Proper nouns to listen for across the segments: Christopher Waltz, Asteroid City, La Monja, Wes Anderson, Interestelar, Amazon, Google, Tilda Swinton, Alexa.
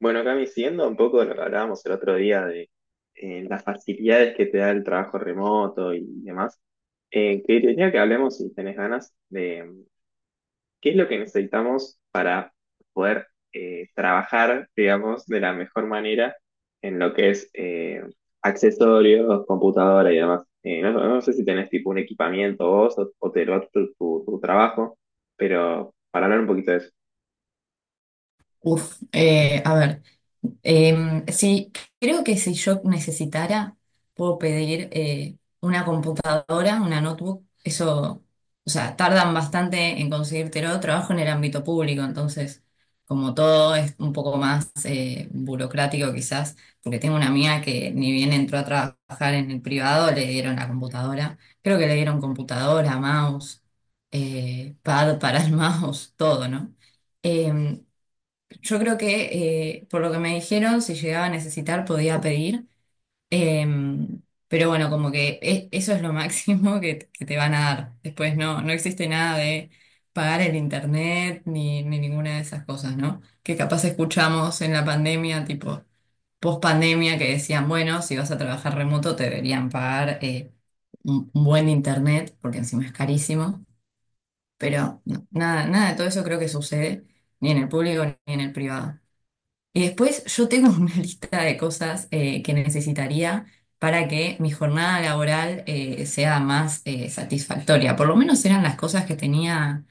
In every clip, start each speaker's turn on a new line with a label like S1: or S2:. S1: Bueno, Cami, siguiendo un poco lo que hablábamos el otro día de las facilidades que te da el trabajo remoto y demás, quería que hablemos, si tenés ganas, de qué es lo que necesitamos para poder trabajar, digamos, de la mejor manera en lo que es accesorios, computadora y demás. No sé si tenés tipo un equipamiento vos o te lo hace tu trabajo, pero para hablar un poquito de eso.
S2: A ver, sí, creo que si yo necesitara, puedo pedir una computadora, una notebook, eso, o sea, tardan bastante en conseguírtelo, trabajo en el ámbito público, entonces, como todo es un poco más burocrático quizás, porque tengo una amiga que ni bien entró a trabajar en el privado, le dieron la computadora, creo que le dieron computadora, mouse, pad para el mouse, todo, ¿no? Em, yo creo que, por lo que me dijeron, si llegaba a necesitar podía pedir, em, pero bueno, como que eso es lo máximo que te van a dar. Después no, no existe nada de pagar el internet ni, ni ninguna de esas cosas, ¿no? Que capaz escuchamos en la pandemia, tipo post pandemia, que decían, bueno, si vas a trabajar remoto te deberían pagar un buen internet, porque encima es carísimo, pero no, nada, nada de todo eso creo que sucede, ni en el público ni en el privado. Y después yo tengo una lista de cosas que necesitaría para que mi jornada laboral sea más satisfactoria. Por lo menos eran las cosas que tenía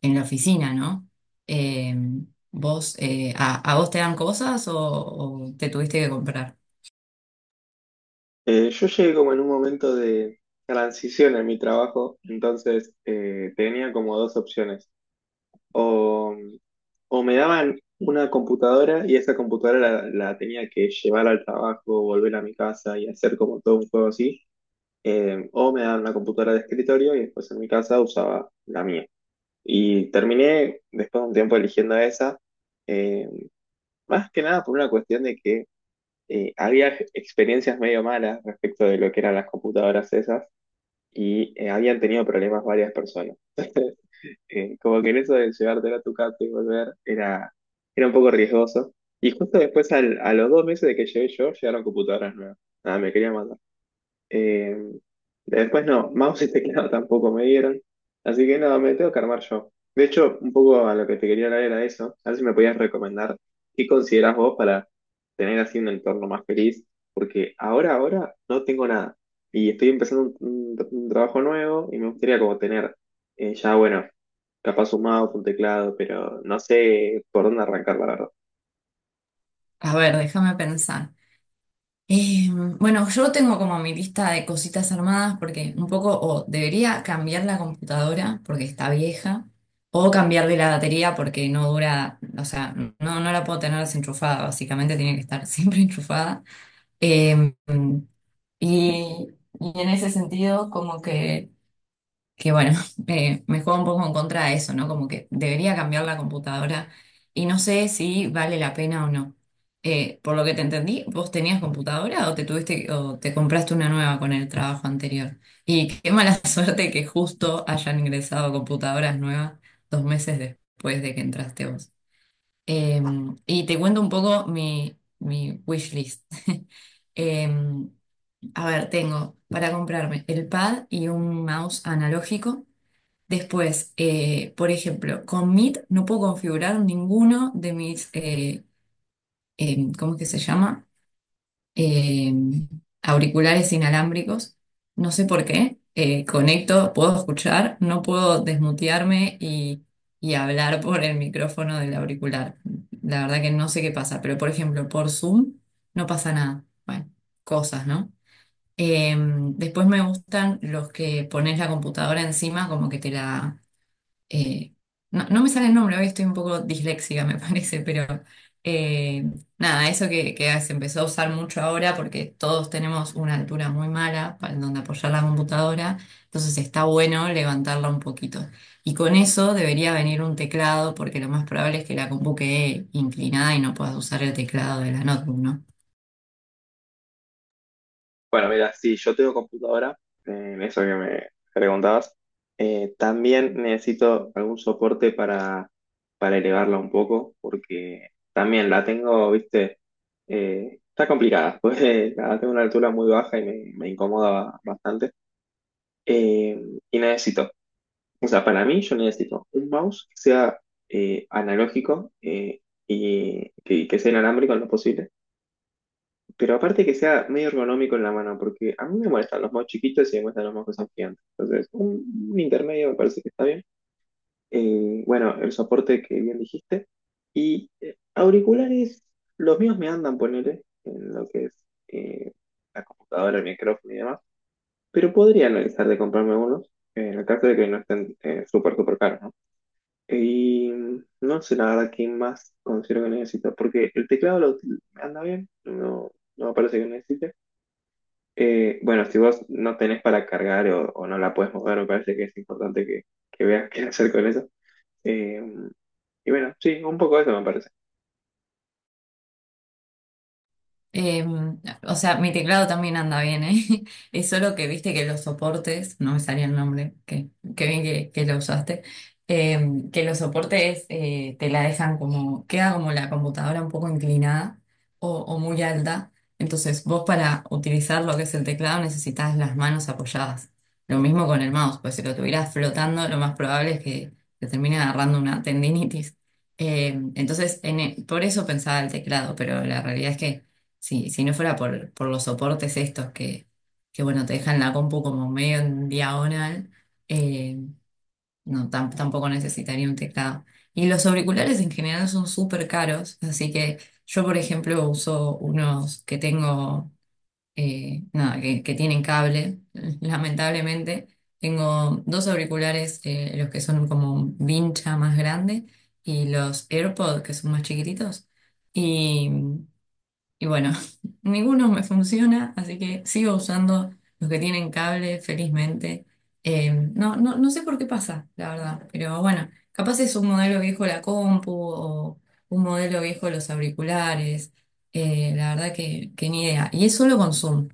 S2: en la oficina, ¿no? Eh, vos, ¿a vos te dan cosas o te tuviste que comprar?
S1: Yo llegué como en un momento de transición en mi trabajo, entonces tenía como dos opciones. O, o me daban una computadora y esa computadora la tenía que llevar al trabajo, volver a mi casa y hacer como todo un juego así. O me daban una computadora de escritorio y después en mi casa usaba la mía. Y terminé después de un tiempo eligiendo esa, eh, más que nada por una cuestión de que había experiencias medio malas respecto de lo que eran las computadoras esas y habían tenido problemas varias personas. Como que en eso de llevártela a tu casa y volver era un poco riesgoso. Y justo después, a los dos meses de que llegué yo, llegaron computadoras nuevas. Nada, me quería matar. Eh, Después no, mouse y teclado tampoco me dieron. Así que nada, me tengo que armar yo. De hecho, un poco a lo que te quería hablar era eso. A ver si me podías recomendar qué considerás vos para tener así un entorno más feliz. Porque ahora no tengo nada. Y estoy empezando un trabajo nuevo y me gustaría como tener ya, bueno, capaz un mouse, un teclado, pero no sé por dónde arrancar, la verdad.
S2: A ver, déjame pensar. Eh, bueno, yo tengo como mi lista de cositas armadas porque un poco o debería cambiar la computadora porque está vieja o cambiarle la batería porque no dura, o sea, no, no la puedo tener desenchufada, básicamente tiene que estar siempre enchufada. Eh, y, y en ese sentido, como que bueno, me juega un poco en contra de eso, ¿no? Como que debería cambiar la computadora y no sé si vale la pena o no. Por lo que te entendí, ¿vos tenías computadora o te tuviste o te compraste una nueva con el trabajo anterior? Y qué mala suerte que justo hayan ingresado computadoras nuevas dos meses después de que entraste vos. Eh, y te cuento un poco mi wish list. Eh, a ver, tengo para comprarme el pad y un mouse analógico. Después, por ejemplo, con Meet no puedo configurar ninguno de mis, ¿cómo es que se llama? Em, auriculares inalámbricos. No sé por qué. Conecto, puedo escuchar, no puedo desmutearme y hablar por el micrófono del auricular. La verdad que no sé qué pasa, pero por ejemplo, por Zoom no pasa nada. Bueno, cosas, ¿no? Después me gustan los que pones la computadora encima, como que te la eh, no, no me sale el nombre, hoy estoy un poco disléxica, me parece, pero eh, nada, eso que se empezó a usar mucho ahora porque todos tenemos una altura muy mala para en donde apoyar la computadora, entonces está bueno levantarla un poquito. Y con eso debería venir un teclado porque lo más probable es que la compu quede inclinada y no puedas usar el teclado de la notebook, ¿no?
S1: Bueno, mira, si yo tengo computadora, en eso que me preguntabas, también necesito algún soporte para elevarla un poco, porque también la tengo, viste, está complicada, pues la tengo una altura muy baja me incomoda bastante. Eh, y necesito, o sea, para mí yo necesito un mouse que sea analógico y que sea inalámbrico en lo posible, pero aparte que sea medio ergonómico en la mano, porque a mí me molestan los mouse chiquitos y me molestan los mouse que son gigantes. Entonces, un intermedio me parece que está bien. Bueno, el soporte que bien dijiste. Y auriculares, los míos me andan, ponele, en lo que es eh, la computadora, el micrófono y demás. Pero podría analizar de comprarme unos, en el caso de que no estén súper, súper caros, ¿no? Y no sé la verdad qué más considero que necesito, porque el teclado anda bien, no, no me parece que necesite. Bueno, si vos no tenés para cargar o no la puedes mover, me parece que es importante que veas qué hacer con eso. Eh, y bueno, sí, un poco eso me parece.
S2: Eh, o sea, mi teclado también anda bien, ¿eh? Es solo que viste que los soportes, no me salía el nombre, que bien que lo usaste, eh, que los soportes te la dejan como, queda como la computadora un poco inclinada o muy alta. Entonces, vos para utilizar lo que es el teclado necesitas las manos apoyadas. Lo mismo con el mouse, pues si lo tuvieras flotando, lo más probable es que te termine agarrando una tendinitis. Eh, entonces, por eso pensaba el teclado, pero la realidad es que sí, si no fuera por los soportes estos que, bueno, te dejan la compu como medio en diagonal, eh, no, tampoco necesitaría un teclado. Y los auriculares en general son súper caros, así que yo, por ejemplo, uso unos que tengo, nada, que tienen cable, lamentablemente. Tengo dos auriculares, los que son como un vincha más grande y los AirPods, que son más chiquititos. Y bueno, ninguno me funciona, así que sigo usando los que tienen cable, felizmente. No, no sé por qué pasa, la verdad, pero bueno, capaz es un modelo viejo la compu o un modelo viejo los auriculares. La verdad que ni idea. Y es solo con Zoom,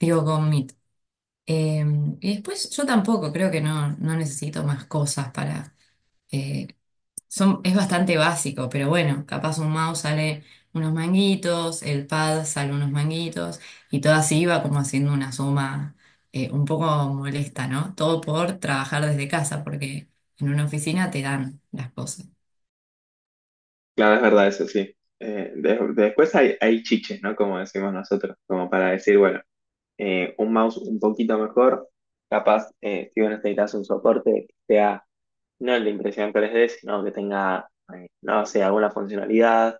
S2: digo con Meet. Eh, y después yo tampoco creo que no, no necesito más cosas para eh, es bastante básico, pero bueno, capaz un mouse sale unos manguitos, el pad sale unos manguitos, y todo así iba como haciendo una suma un poco molesta, ¿no? Todo por trabajar desde casa, porque en una oficina te dan las cosas.
S1: Claro, es verdad, eso sí. Después hay, hay chiches, ¿no? Como decimos nosotros, como para decir, bueno, un mouse un poquito mejor, capaz si vos necesitas un soporte que sea no el de impresión 3D, sino que tenga, no sé, alguna funcionalidad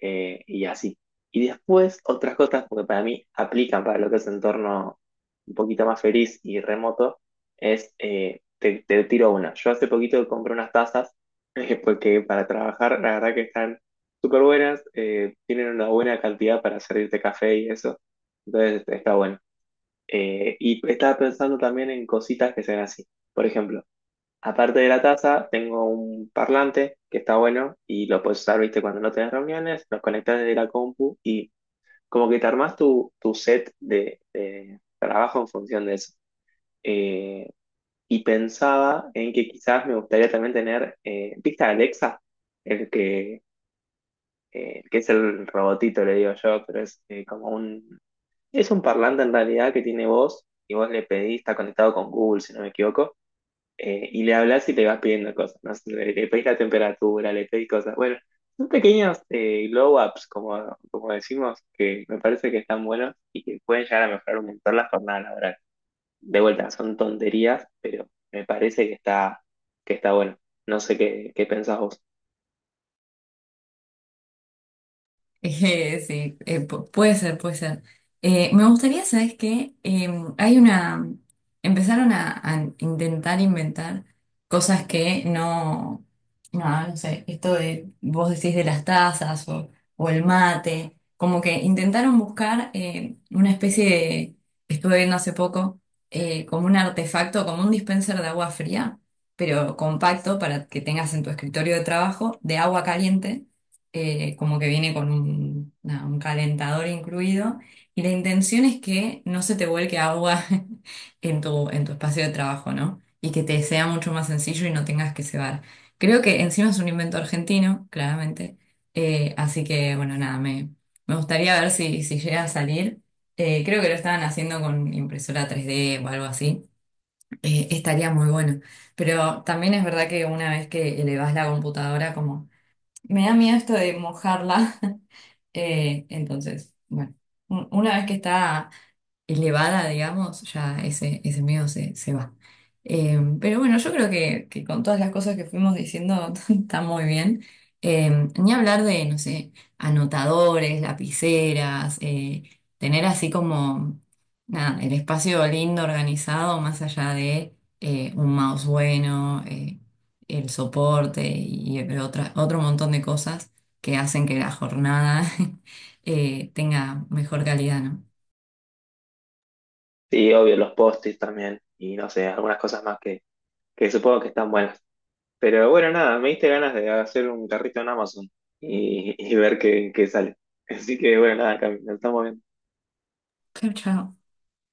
S1: y así. Y después otras cosas, porque para mí aplican para lo que es entorno un poquito más feliz y remoto, es, te tiro una. Yo hace poquito compré unas tazas, porque para trabajar la verdad que están súper buenas, tienen una buena cantidad para servirte café y eso, entonces está bueno. Y estaba pensando también en cositas que sean así. Por ejemplo, aparte de la taza, tengo un parlante que está bueno y lo puedes usar, viste, cuando no tenés reuniones, los conectás desde la compu y como que te armás tu set de trabajo en función de eso. Eh, y pensaba en que quizás me gustaría también tener, ¿viste a Alexa? El que, que es el robotito, le digo yo, pero es como un... Es un parlante en realidad que tiene voz y vos le pedís, está conectado con Google, si no me equivoco, y le hablas y te vas pidiendo cosas, ¿no? Le pedís la temperatura, le pedís cosas. Bueno, son pequeños glow-ups, como, como decimos, que me parece que están buenos y que pueden llegar a mejorar un montón la jornada laboral. De vuelta, son tonterías, pero me parece que que está bueno. No sé qué pensás vos.
S2: Sí, puede ser, puede ser. Me gustaría, ¿sabes qué? Hay una... empezaron a intentar inventar cosas que no... No, no sé, esto de vos decís de las tazas o el mate, como que intentaron buscar una especie de... Estuve viendo hace poco como un artefacto, como un dispenser de agua fría, pero compacto para que tengas en tu escritorio de trabajo, de agua caliente como que viene con un, nada, un calentador incluido, y la intención es que no se te vuelque agua en tu espacio de trabajo, ¿no? Y que te sea mucho más sencillo y no tengas que cebar. Creo que encima es un invento argentino, claramente, así que bueno, nada, me gustaría ver si, si llega a salir. Creo que lo estaban haciendo con impresora 3D o algo así. Estaría muy bueno. Pero también es verdad que una vez que elevás la computadora, como me da miedo esto de mojarla. Entonces, bueno, una vez que está elevada, digamos, ya ese miedo se, se va. Pero bueno, yo creo que con todas las cosas que fuimos diciendo está muy bien. Ni hablar de, no sé, anotadores, lapiceras, tener así como, nada, el espacio lindo, organizado, más allá de un mouse bueno, el soporte y, otro montón de cosas que hacen que la jornada tenga mejor calidad, ¿no?
S1: Sí, obvio, los post-its también, y no sé, algunas cosas más que supongo que están buenas. Pero bueno, nada, me diste ganas de hacer un carrito en Amazon y ver qué sale. Así que bueno, nada, Cami, nos estamos viendo.
S2: Chao, chao.